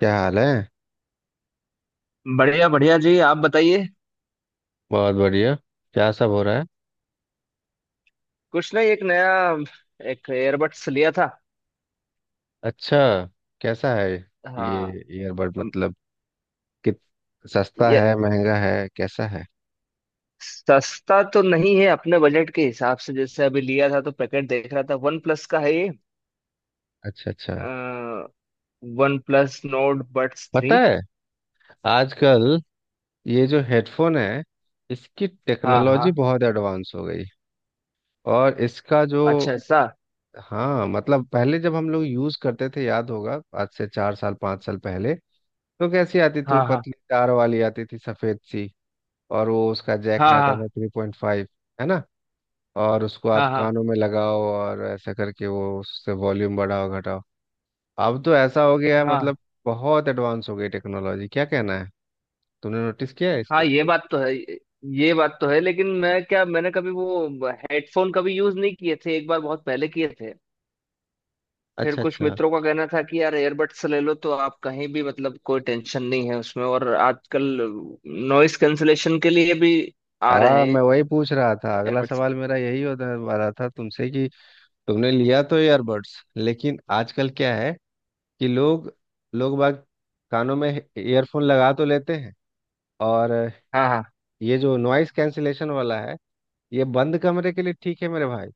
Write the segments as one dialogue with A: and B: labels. A: क्या हाल है।
B: बढ़िया बढ़िया जी, आप बताइए।
A: बहुत बढ़िया। क्या सब हो रहा है।
B: कुछ नहीं, एक एयरबड्स लिया था।
A: अच्छा। कैसा है
B: हाँ।
A: ये ईयरबड
B: अम,
A: मतलब। कित सस्ता
B: ये
A: है, महंगा है, कैसा है।
B: सस्ता तो नहीं है, अपने बजट के हिसाब से। जैसे अभी लिया था तो पैकेट देख रहा था, वन प्लस का है ये।
A: अच्छा अच्छा।
B: वन प्लस नोट बड्स
A: पता
B: 3।
A: है, आजकल ये जो हेडफोन है, इसकी
B: हाँ
A: टेक्नोलॉजी
B: हाँ।
A: बहुत एडवांस हो गई। और इसका जो,
B: अच्छा, ऐसा?
A: हाँ, मतलब पहले जब हम लोग यूज करते थे, याद होगा, आज से 4 साल 5 साल पहले। तो कैसी आती थी? वो
B: हाँ हाँ।
A: पतली तार वाली आती थी, सफेद सी। और वो उसका जैक
B: हाँ
A: रहता था
B: हाँ।
A: 3.5। है ना। और उसको
B: हाँ
A: आप
B: हाँ।
A: कानों में लगाओ, और ऐसा करके वो उससे वॉल्यूम बढ़ाओ घटाओ। अब तो ऐसा हो गया है
B: हाँ
A: मतलब। बहुत एडवांस हो गई टेक्नोलॉजी, क्या कहना है। तुमने नोटिस किया है
B: हाँ।
A: इसको।
B: ये बात तो है। ये बात तो है, लेकिन मैंने कभी वो हेडफोन कभी यूज नहीं किए थे, एक बार बहुत पहले किए थे। फिर
A: अच्छा
B: कुछ
A: अच्छा।
B: मित्रों का कहना था कि यार, एयरबड्स ले लो, तो आप कहीं भी, मतलब कोई टेंशन नहीं है उसमें। और आजकल नॉइस कैंसलेशन के लिए भी आ
A: हाँ,
B: रहे
A: मैं
B: हैं
A: वही पूछ रहा था, अगला
B: एयरबड्स।
A: सवाल मेरा यही होने वाला था तुमसे, कि तुमने लिया तो ईयरबड्स, लेकिन आजकल क्या है, कि लोग लोग बाग कानों में ईयरफोन लगा तो लेते हैं। और
B: हाँ हाँ।
A: ये जो नॉइस कैंसिलेशन वाला है, ये बंद कमरे के लिए ठीक है मेरे भाई।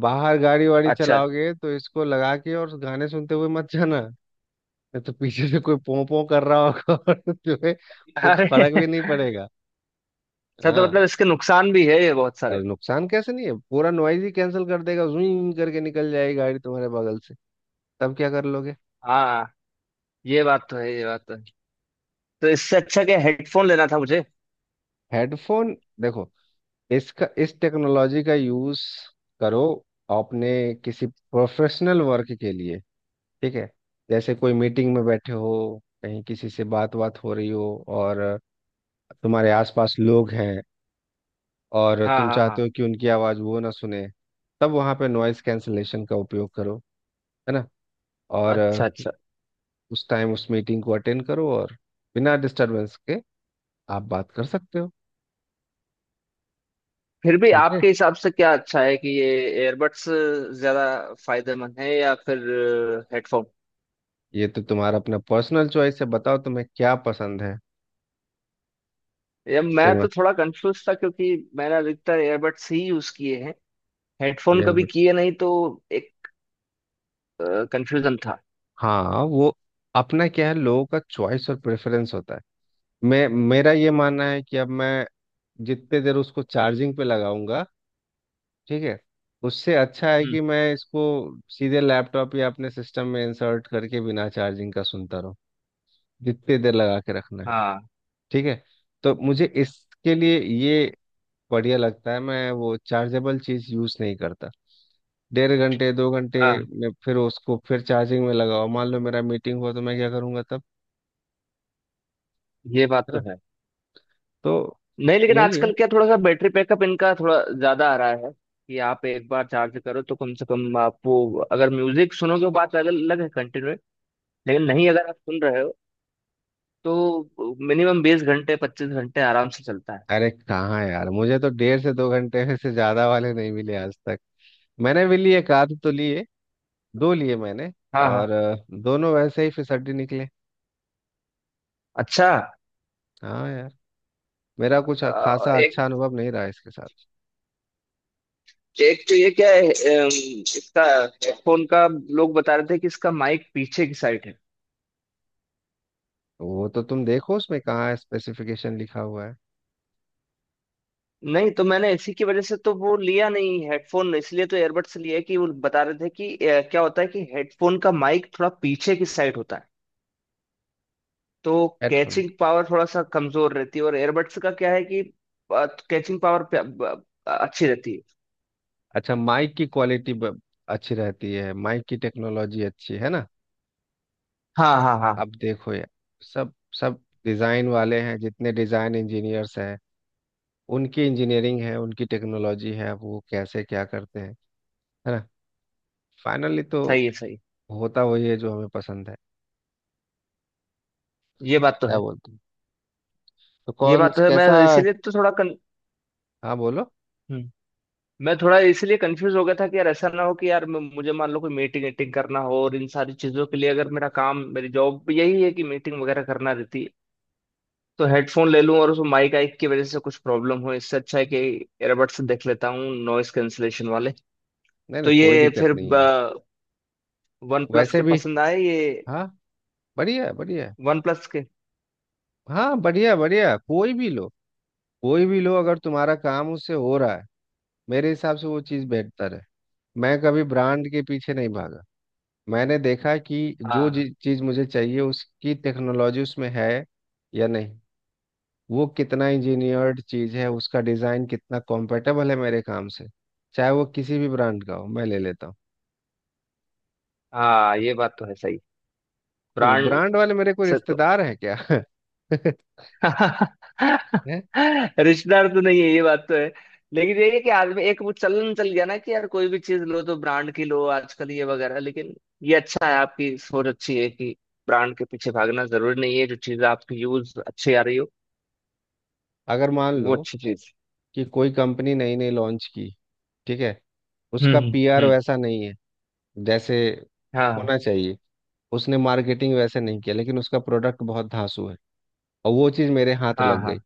A: बाहर गाड़ी वाड़ी
B: अच्छा।
A: चलाओगे तो इसको लगा के और गाने सुनते हुए मत जाना। नहीं तो पीछे से कोई पों पों कर रहा होगा और तुम्हें कुछ
B: अरे
A: फर्क भी नहीं पड़ेगा।
B: अच्छा, तो
A: हाँ।
B: मतलब इसके नुकसान भी है ये बहुत सारे।
A: और नुकसान कैसे नहीं है, पूरा नॉइज ही कैंसिल कर देगा, जूं करके निकल जाएगी गाड़ी तुम्हारे बगल से, तब क्या कर लोगे।
B: हाँ। ये बात तो है, ये बात तो है। तो इससे अच्छा क्या हेडफोन लेना था मुझे?
A: हेडफोन, देखो, इसका, इस टेक्नोलॉजी का यूज करो अपने किसी प्रोफेशनल वर्क के लिए। ठीक है। जैसे कोई मीटिंग में बैठे हो, कहीं किसी से बात बात हो रही हो, और तुम्हारे आसपास लोग हैं, और
B: हाँ
A: तुम
B: हाँ
A: चाहते
B: हाँ।
A: हो कि उनकी आवाज़ वो ना सुने। तब वहाँ पे नॉइज़ कैंसलेशन का उपयोग करो। है ना। और
B: अच्छा अच्छा।
A: उस टाइम उस मीटिंग को अटेंड करो और बिना डिस्टरबेंस के आप बात कर सकते हो।
B: फिर भी
A: समझे।
B: आपके हिसाब से क्या अच्छा है कि ये एयरबड्स ज्यादा फायदेमंद है या फिर हेडफोन?
A: ये तो तुम्हारा अपना पर्सनल चॉइस है, बताओ तुम्हें क्या पसंद है।
B: ये
A: फिर
B: मैं
A: मैं
B: तो थोड़ा कंफ्यूज था, क्योंकि मैंने अधिकतर एयरबड्स ही यूज किए हैं, हेडफोन कभी
A: ईयरबड्स,
B: किए नहीं, तो एक कंफ्यूजन था।
A: हाँ, वो अपना क्या है, लोगों का चॉइस और प्रेफरेंस होता है। मैं, मेरा ये मानना है कि अब मैं जितने देर उसको चार्जिंग पे लगाऊंगा, ठीक है, उससे अच्छा है
B: हम्म।
A: कि मैं इसको सीधे लैपटॉप या अपने सिस्टम में इंसर्ट करके बिना चार्जिंग का सुनता रहूँ जितनी देर लगा के रखना है।
B: हाँ
A: ठीक है। तो मुझे इसके लिए ये बढ़िया लगता है, मैं वो चार्जेबल चीज़ यूज़ नहीं करता। 1.5 घंटे 2 घंटे
B: हाँ।
A: में फिर उसको फिर चार्जिंग में लगाओ, मान लो मेरा मीटिंग हुआ तो मैं क्या करूँगा तब।
B: ये बात
A: है
B: तो
A: ना।
B: है।
A: तो
B: नहीं, लेकिन
A: यही है।
B: आजकल क्या, थोड़ा सा बैटरी बैकअप इनका थोड़ा ज्यादा आ रहा है, कि आप एक बार चार्ज करो तो कम से कम आप वो, अगर म्यूजिक सुनोगे वो बात अलग अलग है, कंटिन्यू। लेकिन नहीं, अगर आप सुन रहे हो तो मिनिमम 20 घंटे 25 घंटे आराम से चलता है।
A: अरे कहाँ यार, मुझे तो 1.5 से 2 घंटे से ज्यादा वाले नहीं मिले आज तक। मैंने भी लिए, एक आध तो लिए, दो लिए मैंने।
B: हाँ हाँ।
A: और दोनों वैसे ही फिसड्डी निकले।
B: अच्छा।
A: हाँ यार, मेरा कुछ खासा
B: एक,
A: अच्छा अनुभव नहीं रहा इसके साथ।
B: एक तो ये क्या है, इसका हेडफोन का, लोग बता रहे थे कि इसका माइक पीछे की साइड है।
A: वो तो तुम देखो उसमें कहाँ स्पेसिफिकेशन लिखा हुआ है।
B: नहीं, तो मैंने इसी की वजह से तो वो लिया नहीं हेडफोन। इसलिए तो एयरबड्स लिया। कि वो बता रहे थे कि क्या होता है कि हेडफोन का माइक थोड़ा पीछे की साइड होता है, तो
A: हेडफोन।
B: कैचिंग पावर थोड़ा सा कमजोर रहती है। और एयरबड्स का क्या है कि कैचिंग पावर अच्छी रहती है।
A: अच्छा, माइक की क्वालिटी अच्छी रहती है, माइक की टेक्नोलॉजी अच्छी है ना।
B: हाँ हाँ हाँ।
A: अब देखो यार, सब सब डिज़ाइन वाले हैं, जितने डिज़ाइन इंजीनियर्स हैं, उनकी इंजीनियरिंग है, उनकी टेक्नोलॉजी है, अब वो कैसे क्या करते हैं। है ना। फाइनली तो
B: सही है, सही है।
A: होता वही है जो हमें पसंद है।
B: ये बात तो
A: क्या
B: है।
A: बोलते हैं। तो
B: ये
A: कौन
B: बात तो है। मैं
A: कैसा।
B: इसीलिए तो थोड़ा कन...
A: हाँ बोलो।
B: हम्म। मैं थोड़ा इसलिए कंफ्यूज हो गया था कि यार, ऐसा ना हो कि यार, मुझे, मान लो, कोई मीटिंग वीटिंग करना हो, और इन सारी चीजों के लिए, अगर मेरा काम, मेरी जॉब यही है कि मीटिंग वगैरह करना रहती है, तो हेडफोन ले लूं और उसमें माइक आइक की वजह से कुछ प्रॉब्लम हो। इससे अच्छा है कि एयरबड्स देख लेता हूँ नॉइस कैंसलेशन वाले।
A: नहीं
B: तो
A: नहीं, कोई
B: ये
A: दिक्कत
B: फिर
A: नहीं है।
B: वन प्लस
A: वैसे
B: के
A: भी,
B: पसंद आए ये,
A: हाँ, बढ़िया है बढ़िया है।
B: वन प्लस के।
A: हाँ बढ़िया बढ़िया, कोई भी लो, कोई भी लो अगर तुम्हारा काम उससे हो रहा है, मेरे हिसाब से वो चीज़ बेहतर है। मैं कभी ब्रांड के पीछे नहीं भागा। मैंने देखा कि जो
B: हाँ
A: चीज़ मुझे चाहिए उसकी टेक्नोलॉजी उसमें है या नहीं, वो कितना इंजीनियर्ड चीज़ है, उसका डिज़ाइन कितना कॉम्पेटेबल है मेरे काम से, चाहे वो किसी भी ब्रांड का हो मैं ले लेता हूँ।
B: हाँ। ये बात तो है, सही।
A: वो
B: ब्रांड
A: ब्रांड वाले मेरे कोई
B: से तो
A: रिश्तेदार हैं क्या हैं?
B: रिश्तेदार तो नहीं है। ये बात तो है। लेकिन ये है कि आदमी, एक वो चलन चल गया ना, कि यार कोई भी चीज लो तो ब्रांड की लो आजकल, ये वगैरह। लेकिन ये अच्छा है, आपकी सोच अच्छी है, कि ब्रांड के पीछे भागना जरूरी नहीं है, जो चीज आपकी यूज अच्छी आ रही हो,
A: अगर मान
B: वो
A: लो
B: अच्छी चीज।
A: कि कोई कंपनी नई नई लॉन्च की, ठीक है, उसका
B: हम्म।
A: पीआर
B: हम्म।
A: वैसा नहीं है जैसे
B: हाँ।
A: होना चाहिए, उसने मार्केटिंग वैसे नहीं किया लेकिन उसका प्रोडक्ट बहुत धांसू है, और वो चीज़ मेरे हाथ
B: हाँ
A: लग गई।
B: हाँ।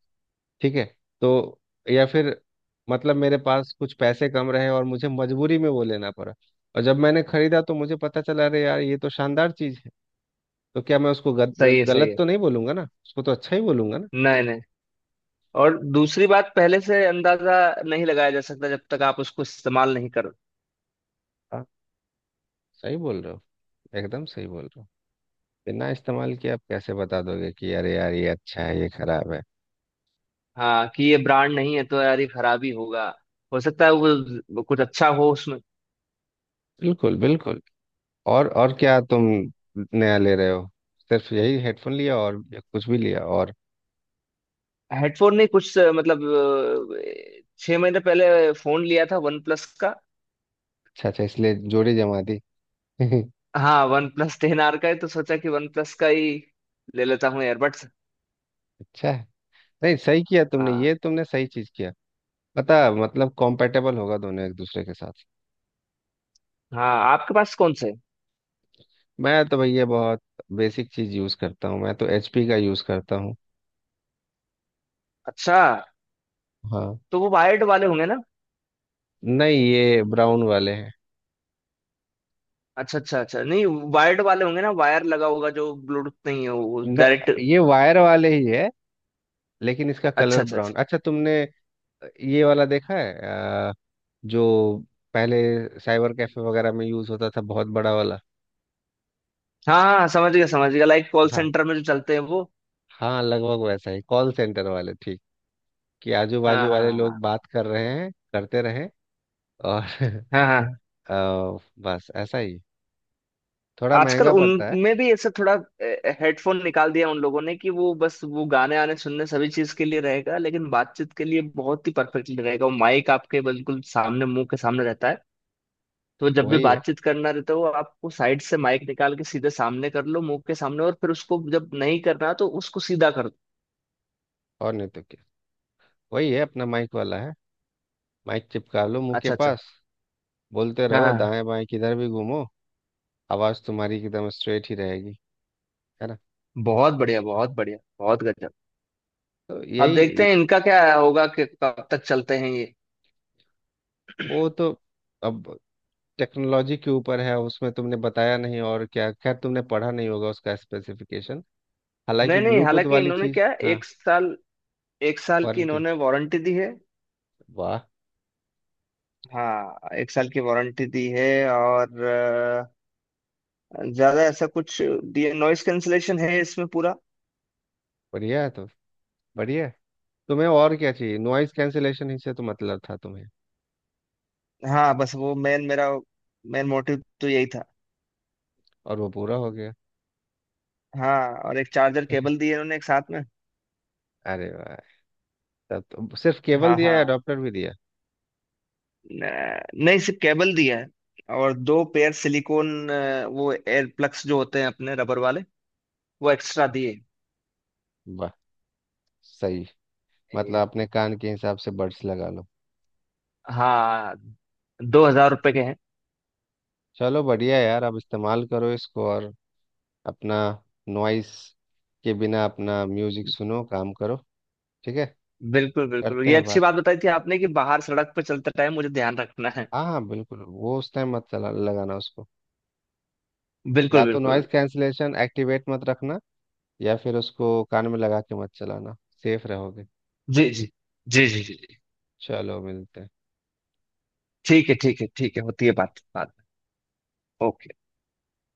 A: ठीक है। तो या फिर, मतलब मेरे पास कुछ पैसे कम रहे और मुझे मजबूरी में वो लेना पड़ा, और जब मैंने खरीदा तो मुझे पता चला, अरे यार ये तो शानदार चीज़ है। तो क्या मैं उसको
B: सही है, सही
A: गलत
B: है।
A: तो नहीं बोलूंगा ना, उसको तो अच्छा ही बोलूंगा ना।
B: नहीं नहीं, और दूसरी बात, पहले से अंदाजा नहीं लगाया जा सकता जब तक आप उसको इस्तेमाल नहीं कर।
A: हाँ, सही बोल रहे हो, एकदम सही बोल रहे हो। बिना इस्तेमाल किए आप कैसे बता दोगे कि अरे यार ये अच्छा है, ये खराब है।
B: हाँ, कि ये ब्रांड नहीं है तो यार ये खराब ही होगा। हो सकता है वो कुछ अच्छा हो उसमें।
A: बिल्कुल बिल्कुल। और क्या तुम नया ले रहे हो, सिर्फ यही हेडफोन लिया और, या कुछ भी लिया और।
B: हेडफोन नहीं, कुछ मतलब 6 महीने पहले फोन लिया था, वन प्लस का।
A: अच्छा अच्छा, इसलिए जोड़ी जमा दी
B: हाँ, वन प्लस 10 आर का है, तो सोचा कि वन प्लस का ही ले लेता हूँ एयरबड्स।
A: अच्छा है। नहीं, सही किया तुमने,
B: हाँ
A: ये तुमने सही चीज किया। पता, मतलब कॉम्पेटेबल होगा दोनों एक दूसरे के साथ।
B: हाँ। आपके पास कौन से हैं?
A: मैं तो भैया बहुत बेसिक चीज यूज करता हूँ, मैं तो एचपी का यूज करता हूँ।
B: अच्छा,
A: हाँ।
B: तो वो वायर्ड वाले होंगे ना?
A: नहीं ये ब्राउन वाले हैं।
B: अच्छा अच्छा अच्छा। नहीं, वायर्ड वाले होंगे ना, वायर लगा होगा, जो ब्लूटूथ नहीं है, वो
A: न,
B: डायरेक्ट।
A: ये वायर वाले ही है, लेकिन इसका
B: अच्छा
A: कलर
B: अच्छा अच्छा।
A: ब्राउन। अच्छा तुमने ये वाला देखा है? अ, जो पहले साइबर कैफे वगैरह में यूज होता था, बहुत बड़ा वाला।
B: हाँ हाँ, समझ गया समझ गया, लाइक कॉल
A: हाँ।
B: सेंटर में जो चलते हैं वो।
A: हाँ लगभग वैसा ही, कॉल सेंटर वाले, ठीक, कि आजू
B: हाँ
A: बाजू
B: हाँ।
A: वाले लोग
B: हाँ
A: बात कर रहे हैं करते रहे। और
B: हाँ। हाँ हाँ।
A: बस ऐसा ही, थोड़ा
B: आजकल
A: महंगा पड़ता है।
B: उनमें भी ऐसा थोड़ा हेडफोन निकाल दिया उन लोगों ने, कि वो बस वो गाने आने सुनने सभी चीज के लिए रहेगा, लेकिन बातचीत के लिए बहुत ही परफेक्टली रहेगा, वो माइक आपके बिल्कुल सामने, मुंह के सामने रहता है। तो जब भी
A: वही है,
B: बातचीत करना रहता है, वो आपको साइड से माइक निकाल के सीधे सामने कर लो, मुंह के सामने। और फिर उसको जब नहीं करना तो उसको सीधा कर दो।
A: और नहीं तो क्या, वही है अपना माइक वाला है। माइक चिपका लो मुंह के
B: अच्छा अच्छा।
A: पास, बोलते
B: हाँ
A: रहो,
B: हाँ।
A: दाएं बाएं किधर भी घूमो, आवाज तुम्हारी एकदम स्ट्रेट ही रहेगी। है ना।
B: बहुत बढ़िया, बहुत बढ़िया, बहुत गजब।
A: तो
B: अब देखते
A: यही।
B: हैं इनका क्या होगा, कि कब तक चलते हैं ये।
A: वो तो अब टेक्नोलॉजी के ऊपर है, उसमें तुमने बताया नहीं और क्या, खैर तुमने पढ़ा नहीं होगा उसका स्पेसिफिकेशन। हालांकि
B: नहीं नहीं,
A: ब्लूटूथ
B: हालांकि
A: वाली
B: इन्होंने
A: चीज
B: क्या,
A: हाँ।
B: एक साल की
A: वारंटी,
B: इन्होंने वारंटी दी है।
A: वाह।
B: हाँ, एक साल की वारंटी दी है। और ज्यादा ऐसा कुछ दिया, नॉइस कैंसलेशन है इसमें पूरा।
A: बढ़िया है तो। बढ़िया है। तुम्हें और क्या चाहिए, नॉइज कैंसिलेशन ही से तो मतलब था तुम्हें।
B: हाँ, बस वो मेन मोटिव तो यही था।
A: और वो पूरा हो गया।
B: हाँ। और एक चार्जर केबल दिए उन्होंने एक साथ में।
A: अरे वाह। तब तो सिर्फ केबल
B: हाँ
A: दिया या
B: हाँ।
A: अडॉप्टर भी दिया।
B: नहीं, सिर्फ केबल दिया है। और दो पेयर सिलिकॉन, वो एयर प्लग्स जो होते हैं अपने रबर वाले, वो एक्स्ट्रा दिए।
A: वाह सही।
B: ए,
A: मतलब अपने कान के हिसाब से बड्स लगा लो।
B: हाँ। 2000 रुपए के हैं।
A: चलो बढ़िया यार, अब इस्तेमाल करो इसको और अपना नॉइस के बिना अपना म्यूजिक सुनो, काम करो। ठीक है।
B: बिल्कुल बिल्कुल।
A: करते
B: ये
A: हैं
B: अच्छी
A: बात।
B: बात बताई थी आपने, कि बाहर सड़क पर चलते टाइम मुझे ध्यान रखना है।
A: हाँ हाँ बिल्कुल, वो उस टाइम मत चला लगाना उसको, या
B: बिल्कुल
A: तो
B: बिल्कुल।
A: नॉइज कैंसिलेशन एक्टिवेट मत रखना, या फिर उसको कान में लगा के मत चलाना, सेफ रहोगे।
B: जी जी। जी जी जी जी।
A: चलो मिलते हैं।
B: ठीक है ठीक है ठीक है, होती है बात बाद में। ओके।